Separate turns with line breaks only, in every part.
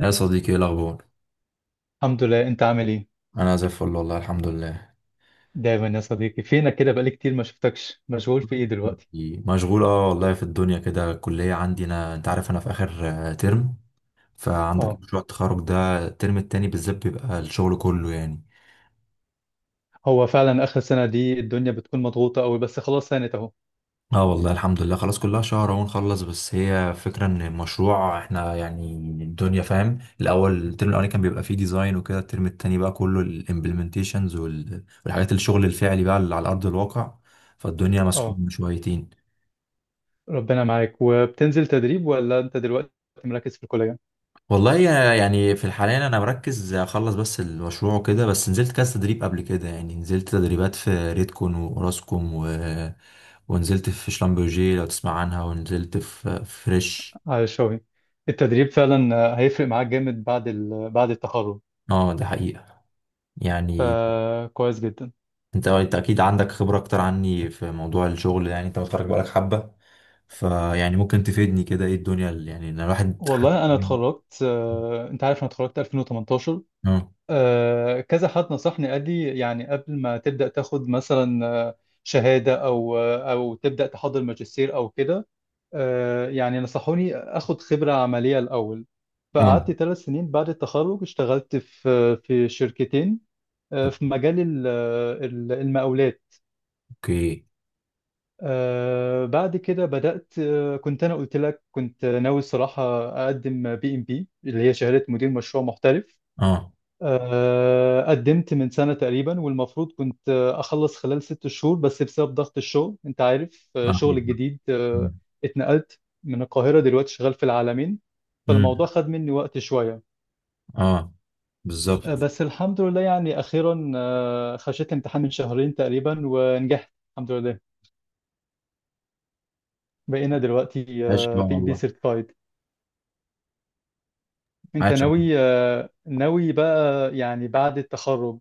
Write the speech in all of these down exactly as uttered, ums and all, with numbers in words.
يا صديقي، ايه الاخبار؟
الحمد لله، انت عامل ايه؟
انا زي الفل، والله الحمد لله.
دايما يا صديقي فينك كده، بقالي كتير ما شفتكش. مشغول في ايه دلوقتي؟
مشغول، اه، والله، في الدنيا كده. الكليه عندي، انا انت عارف انا في اخر آه، ترم. فعندك
اه.
مشروع التخرج ده، الترم التاني بالذات بيبقى الشغل كله، يعني.
هو فعلا اخر سنة دي الدنيا بتكون مضغوطة قوي، بس خلاص سانت اهو.
اه، والله الحمد لله، خلاص كلها شهر اهو نخلص. بس هي فكرة ان المشروع احنا، يعني الدنيا، فاهم؟ الاول، الترم الاولاني كان بيبقى فيه ديزاين وكده، الترم التاني بقى كله الامبلمنتيشنز والحاجات، الشغل الفعلي بقى اللي على ارض الواقع. فالدنيا
اه.
مسحوبة شويتين.
ربنا معاك. وبتنزل تدريب ولا انت دلوقتي مركز في الكلية
والله يا- يعني في الحالية أنا مركز أخلص بس المشروع وكده، بس نزلت كذا تدريب قبل كده، يعني نزلت تدريبات في ريدكون وراسكوم و... ونزلت في شلمبرجي لو تسمع عنها، ونزلت في في فريش.
على الشغل؟ التدريب فعلا آه، هيفرق معاك جامد بعد ال... بعد التخرج.
اه، ده حقيقة، يعني.
فكويس جدا.
انت آه، انت اكيد عندك خبرة اكتر عني في موضوع الشغل، يعني انت متخرج بقالك حبة. فيعني ممكن تفيدني كده، ايه الدنيا اللي يعني إن الواحد.
والله انا اتخرجت، آه، انت عارف انا اتخرجت ألفين وتمنتاشر.
اه،
آه، كذا حد نصحني قال لي يعني قبل ما تبدأ تاخد مثلا آه، شهادة، أو آه، أو تبدأ تحضر ماجستير أو كده. آه، يعني نصحوني أخد خبرة عملية الأول.
اه،
فقعدت ثلاث سنين بعد التخرج، اشتغلت في في شركتين. آه،
طب
في مجال ال- آه، ال- المقاولات.
اوكي.
آه، بعد كده بدأت، آه، كنت أنا قلت لك كنت ناوي الصراحة أقدم بي إم بي، اللي هي شهادة مدير مشروع محترف.
اه،
آه، قدمت من سنة تقريبا، والمفروض كنت آه، أخلص خلال ست شهور، بس بسبب ضغط الشغل أنت عارف، آه،
اه.
شغل الجديد، آه،
مم.
اتنقلت من القاهرة، دلوقتي شغال في العالمين،
مم.
فالموضوع خد مني وقت شوية.
اه،
آه،
بالظبط.
بس الحمد لله يعني أخيرا آه، خشيت امتحان من شهرين تقريبا ونجحت الحمد لله. بقينا دلوقتي بي
عاش. لا
ام بي
والله.
سيرتيفايد. أنت
عاش.
ناوي آه، ناوي بقى يعني بعد التخرج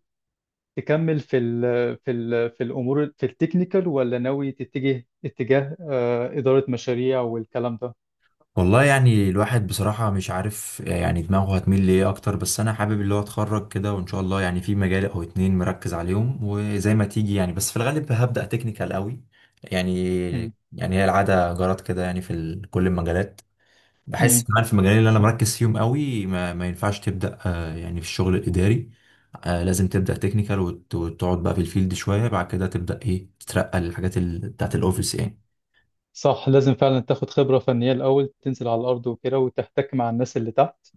تكمل في ال في ال في الامور في التكنيكال، ولا ناوي تتجه اتجاه آه، اداره مشاريع والكلام ده؟
والله يعني الواحد بصراحة مش عارف يعني دماغه هتميل لإيه أكتر، بس أنا حابب اللي هو أتخرج كده، وإن شاء الله يعني في مجال أو اتنين مركز عليهم، وزي ما تيجي يعني، بس في الغالب هبدأ تكنيكال قوي، يعني.
مم.
يعني هي العادة جرت كده، يعني في ال- كل المجالات. بحس
مم.
كمان في المجالين اللي أنا مركز فيهم قوي ما, ما ينفعش تبدأ، آه، يعني، في الشغل الإداري. آه، لازم تبدأ تكنيكال وت- وتقعد بقى في الفيلد شوية، بعد كده تبدأ إيه تترقى للحاجات ال- بتاعت الأوفيس، يعني.
صح، لازم فعلا تاخد خبره فنيه الاول، تنزل على الارض وكده وتحتك مع الناس اللي تحت.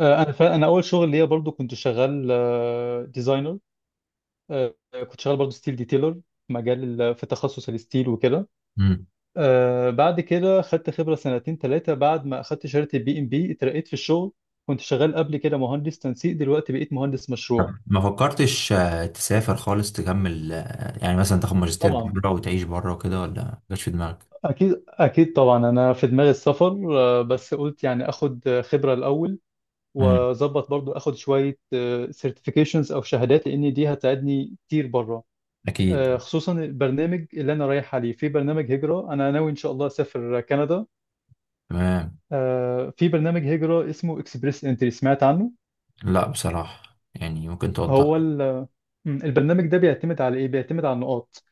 آه، انا فعلا، انا اول شغل ليا برضو كنت شغال ديزاينر. كنت شغال برضو ستيل ديتيلر في مجال ال- في تخصص الستيل وكده.
امم.
آه، بعد كده خدت خبره سنتين ثلاثه، بعد ما اخدت شهاده البي ام بي، اترقيت في الشغل. كنت شغال قبل كده مهندس تنسيق، دلوقتي بقيت مهندس مشروع.
طب ما فكرتش آه، تسافر خالص تكمل، آه، يعني مثلا تاخد ماجستير
طبعا.
بره وتعيش بره وكده، ولا ما جاتش في دماغك؟
اكيد اكيد، طبعا انا في دماغي السفر، آه، بس قلت يعني اخد آه، خبره الاول،
امم،
واظبط برضو اخد شويه سيرتيفيكيشنز او شهادات، لان دي هتساعدني كتير بره. آه،
اكيد،
خصوصا البرنامج اللي انا رايح عليه، في برنامج هجره انا ناوي ان شاء الله اسافر كندا.
تمام.
آه، في برنامج هجره اسمه اكسبريس انتري، سمعت عنه؟
لا بصراحة، يعني ممكن توضح
هو ال- آه، البرنامج ده بيعتمد على ايه؟ بيعتمد على النقاط.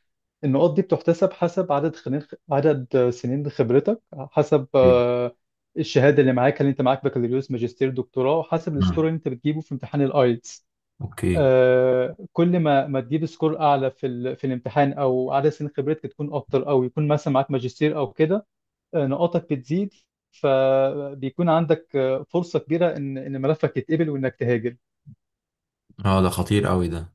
النقاط دي بتحتسب حسب عدد خنين عدد سنين خبرتك، حسب
لي؟
آه، الشهاده اللي معاك، هل انت معاك بكالوريوس ماجستير دكتوراه، وحسب السكور
مم.
اللي انت بتجيبه في امتحان الايلتس.
اوكي.
آه، كل ما ما تجيب سكور اعلى في ال... في الامتحان، او عدد سنين خبرتك تكون اكتر، او يكون مثلا معاك ماجستير او كده، آه، نقاطك بتزيد. فبيكون عندك آه، فرصه كبيره ان ان ملفك يتقبل، وانك تهاجر.
اه، ده خطير قوي ده.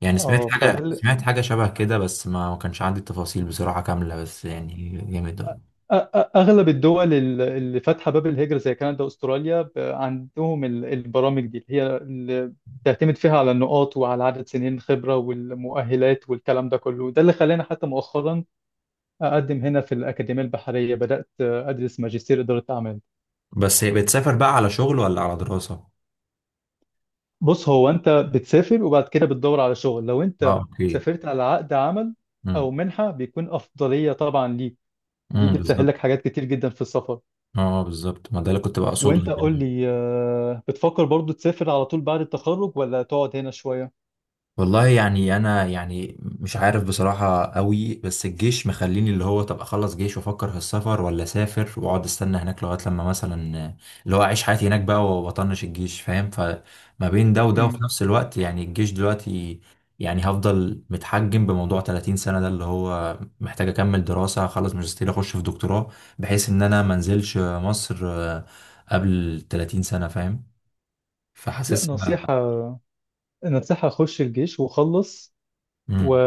يعني سمعت
اه
حاجة،
فده
سمعت حاجة شبه كده، بس ما ما كانش عندي التفاصيل بصراحة كاملة، بس يعني جامد ده.
أ- أ- اغلب الدول ال- اللي فاتحه باب الهجره زي كندا واستراليا، ب- عندهم ال- البرامج دي، اللي هي اللي بتعتمد فيها على النقاط وعلى عدد سنين خبره والمؤهلات والكلام ده كله. ده اللي خلاني حتى مؤخرا اقدم هنا في الاكاديميه البحريه، بدات ادرس ماجستير اداره اعمال.
بس هي بتسافر بقى على شغل ولا على دراسة؟
بص، هو انت بتسافر وبعد كده بتدور على شغل. لو
اه،
انت
اوكي.
سافرت على عقد عمل او
امم.
منحه بيكون افضليه طبعا ليك، دي
امم،
بتسهل
بالظبط.
لك حاجات كتير جدا في السفر.
اه، بالظبط، ما ده اللي كنت بقصده،
وانت قول
يعني.
لي، آه، بتفكر برضو تسافر على طول بعد التخرج ولا تقعد هنا شوية؟
والله يعني انا يعني مش عارف بصراحة قوي، بس الجيش مخليني، اللي هو طب اخلص جيش وافكر في السفر، ولا اسافر واقعد استنى هناك لغاية لما مثلا اللي هو اعيش حياتي هناك بقى واطنش الجيش، فاهم؟ فما بين ده وده، وفي
امم
نفس الوقت يعني الجيش دلوقتي، يعني هفضل متحجم بموضوع 30 سنة ده، اللي هو محتاج اكمل دراسة، اخلص ماجستير، اخش في دكتوراه، بحيث ان انا منزلش مصر آه، قبل 30 سنة، فاهم؟
لا،
فحاسس
نصيحة،
إن-
نصيحة خش الجيش وخلص، و...
مم.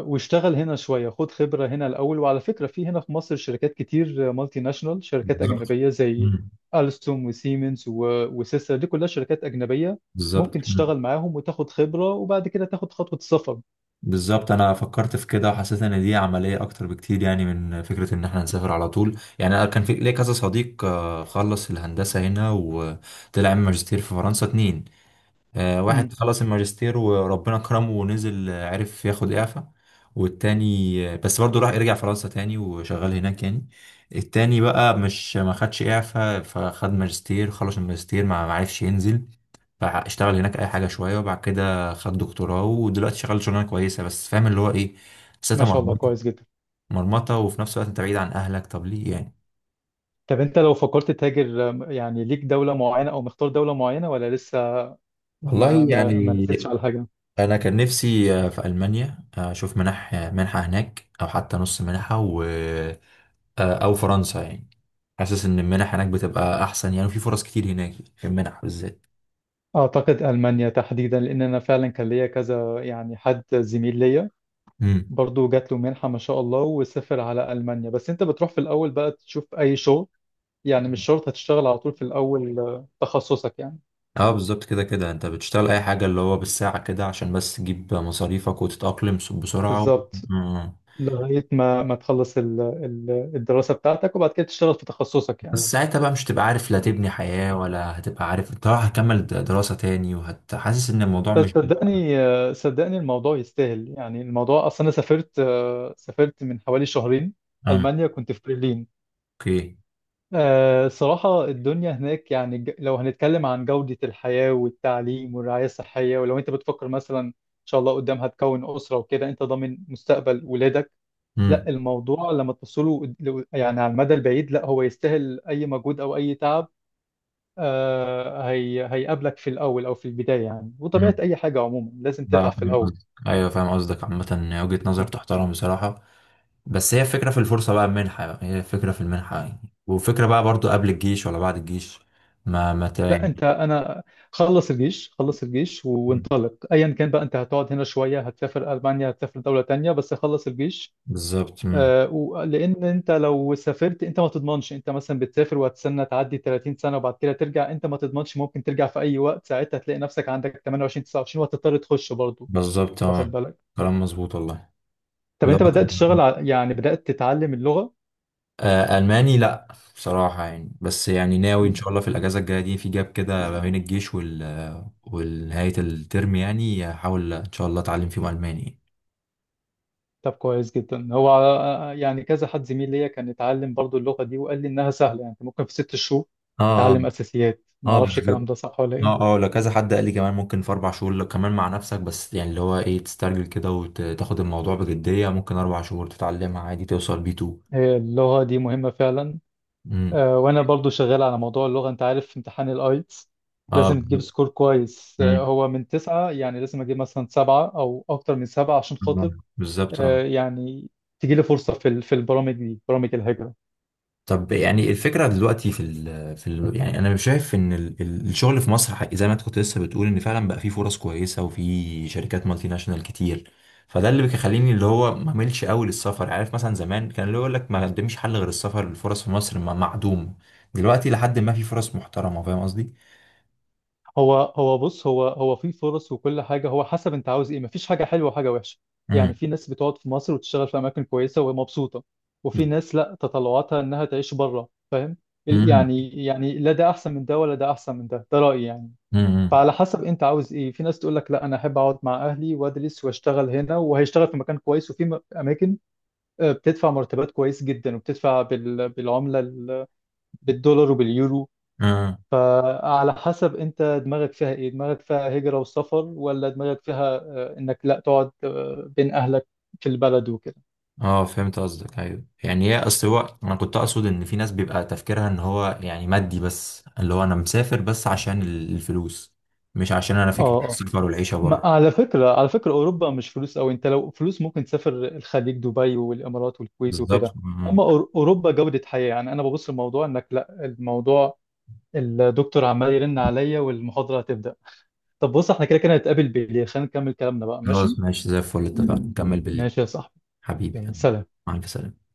واشتغل هنا شوية، خد خبرة هنا الأول. وعلى فكرة في هنا في مصر شركات كتير مالتي ناشونال، شركات
بالظبط.
أجنبية زي ألستوم وسيمنز و... وسيسر، دي كلها شركات أجنبية،
بالظبط.
ممكن
مم.
تشتغل معاهم وتاخد خبرة وبعد كده تاخد خطوة السفر.
بالظبط، انا فكرت في كده وحسيت ان دي عمليه اكتر بكتير، يعني من فكره ان احنا نسافر على طول. يعني انا كان في ليا كذا صديق آه، خلص الهندسه هنا وطلع عمل ماجستير في فرنسا، اتنين. آه،
امم
واحد خلص الماجستير وربنا كرمه ونزل، آه، عرف ياخد اعفاء. والتاني آه، بس برضه راح رجع فرنسا تاني وشغال هناك، يعني. التاني بقى، مش ما خدش اعفاء، فخد ماجستير، خلص الماجستير ما ما عرفش ينزل، فاشتغل هناك اي حاجه شويه، وبعد كده خد دكتوراه، ودلوقتي شغال شغلانه كويسه، بس فاهم اللي هو ايه؟ حسيتها
ما شاء الله،
مرمطه.
كويس جدا.
مرمطه، وفي نفس الوقت انت بعيد عن اهلك، طب ليه يعني؟
طب انت لو فكرت تهاجر، آم، يعني ليك دولة معينة او مختار دولة معينة ولا لسه ما
والله
ما ما رسيتش
يعني
على حاجة؟
انا كان نفسي آه، في المانيا، آه، اشوف منح، آه، منحه هناك، او حتى نص منحه، و آه، او فرنسا، يعني. حاسس ان المنح هناك بتبقى احسن، يعني، وفي فرص كتير هناك في المنح بالذات.
اعتقد المانيا تحديدا، لان انا فعلا كان ليا كذا يعني حد زميل ليا
امم.
برضو جات له منحة ما شاء الله وسافر على المانيا. بس انت بتروح في الاول بقى تشوف اي شغل، يعني مش شرط هتشتغل على طول في الاول آه، تخصصك يعني.
اه، بالظبط، كده كده انت بتشتغل اي حاجه اللي هو بالساعه كده عشان بس تجيب مصاريفك وتتاقلم بسرعه. و...
بالظبط، لغاية ما ما تخلص ال- ال- الدراسة بتاعتك، وبعد كده تشتغل في تخصصك يعني.
بس ساعتها بقى مش هتبقى عارف لا تبني حياة، ولا هتبقى عارف انت رايح هتكمل د- دراسة تاني، وهتحسس ان الموضوع
بس
مش.
صدقني، صدقني، الموضوع يستاهل. يعني الموضوع اصلا انا سافرت آه، سافرت من حوالي شهرين
اه،
المانيا، كنت في برلين.
اوكي.
آه، صراحة الدنيا هناك يعني، ج- لو هنتكلم عن جودة الحياة والتعليم والرعاية الصحية، ولو انت بتفكر مثلا ان شاء الله قدام هتكون أسرة وكده، انت ضامن مستقبل ولادك.
امم.
لا، الموضوع لما تبصله قد- لو- يعني على المدى البعيد، لا هو يستاهل اي مجهود او اي تعب. آه، هي هيقابلك في الاول او في البداية يعني، وطبيعة
امم.
اي حاجة عموما لازم
لا
تتعب في
فاهم قصدك،
الاول.
ايوه فاهم قصدك. عامة وجهة نظر تحترم بصراحة. بس هي الفكرة في الفرصة بقى، المنحة بقى. هي الفكرة في المنحة، يعني. وفكرة بقى برضو قبل الجيش ولا بعد الجيش، ما ما ت-
لا
يعني.
انت انا خلص الجيش، خلص الجيش و- وانطلق ايا كان بقى. انت هتقعد هنا شويه، هتسافر المانيا، هتسافر دوله تانية، بس خلص الجيش.
بالظبط. امم.
آه، و- لان انت لو سافرت، انت ما تضمنش، انت مثلا بتسافر وهتستنى تعدي تلاتين سنه وبعد كده ترجع، انت ما تضمنش، ممكن ترجع في اي وقت، ساعتها تلاقي نفسك عندك تمنية وعشرين تسعة وعشرين وهتضطر تخش برضه.
بالظبط،
واخد
اه.
بالك؟
كلام مظبوط والله.
طب
لا،
انت بدات تشتغل ع- يعني بدات تتعلم اللغه؟
آه، ألماني لأ، بصراحة يعني، بس يعني ناوي إن شاء الله في الأجازة الجاية دي، في جاب كده ما بين الجيش وال والنهاية الترم، يعني هحاول إن شاء الله أتعلم فيهم ألماني.
طب كويس جدا. هو آه، يعني كذا حد زميل ليا كان اتعلم برضو اللغة دي، وقال لي انها سهلة، يعني انت ممكن في ست شهور
اه، اه.
تتعلم اساسيات، ما
آه،
اعرفش الكلام
بالظبط.
ده صح ولا ايه.
اه، اه. لو كذا حد قال لي كمان ممكن في أربع شهور، لو كمان مع نفسك بس يعني اللي هو إيه تسترجل كده وتاخد الموضوع بجدية، ممكن أربع شهور تتعلمها عادي، توصل بي 2.
هي اللغة دي مهمة فعلا.
امم.
آه، وانا برضو شغال على موضوع اللغة، انت عارف في امتحان الايتس
اه،
لازم تجيب
بالظبط.
سكور كويس، آه،
مم.
هو من تسعة، يعني لازم اجيب مثلا سبعة او اكتر من سبعة عشان
آه،
خاطر
بالظبط، اه.
آه، يعني تجيلي فرصة في ال- في البرامج دي، برامج الهجرة.
طب يعني الفكرة دلوقتي، في ال في ال يعني أنا شايف إن ال- ال- الشغل في مصر حق- زي ما أنت كنت لسه بتقول إن فعلا بقى فيه فرص كويسة، وفي شركات مالتي ناشونال كتير. فده اللي بيخليني اللي هو ما أميلش قوي للسفر. عارف مثلا زمان كان اللي يقول لك ما قدمش حل غير السفر، الفرص في مصر م- معدوم. دلوقتي لحد ما في فرص محترمة، فاهم قصدي؟
هو هو بص، هو هو في فرص. وكل حاجه هو حسب انت عاوز ايه، مفيش حاجه حلوه وحاجه وحشه. يعني
امم.
في ناس بتقعد في مصر وتشتغل في اماكن كويسه ومبسوطه، وفي ناس لا، تطلعاتها انها تعيش بره، فاهم. ال-
امم.
يعني يعني لا ده احسن من ده ولا ده احسن من ده، ده رايي يعني. فعلى حسب انت عاوز ايه. في ناس تقول لك لا، انا احب اقعد مع اهلي وادرس واشتغل هنا، وهيشتغل في مكان كويس، وفي م- اماكن آه، بتدفع مرتبات كويس جدا، وبتدفع بال- بالعمله ال- بالدولار وباليورو.
امم.
فعلى حسب انت دماغك فيها ايه، دماغك فيها هجرة وسفر، ولا دماغك فيها آه، انك لا تقعد آه، بين اهلك في البلد وكده.
اه، فهمت قصدك. ايوه يعني، هي اصل هو انا كنت اقصد ان في ناس بيبقى تفكيرها ان هو يعني مادي بس، اللي هو انا مسافر بس عشان ال- الفلوس، مش عشان انا
اه
فكرة
اه.
السفر والعيشة
ما-
بره.
على فكرة، على فكرة اوروبا مش فلوس قوي، انت لو فلوس ممكن تسافر الخليج، دبي والامارات والكويت
بالظبط.
وكده.
مم.
اما أور- اوروبا جودة حياة. يعني انا ببص الموضوع انك لا الموضوع. الدكتور عمال يرن عليا والمحاضرة هتبدأ. طب بص، احنا كده كده هنتقابل بالليل، خلينا نكمل كلامنا بقى،
خلاص
ماشي؟
ماشي، زي الفل، اتفقنا نكمل بالليل.
ماشي يا صاحبي،
حبيبي.
يلا سلام.
مع الف سلامة.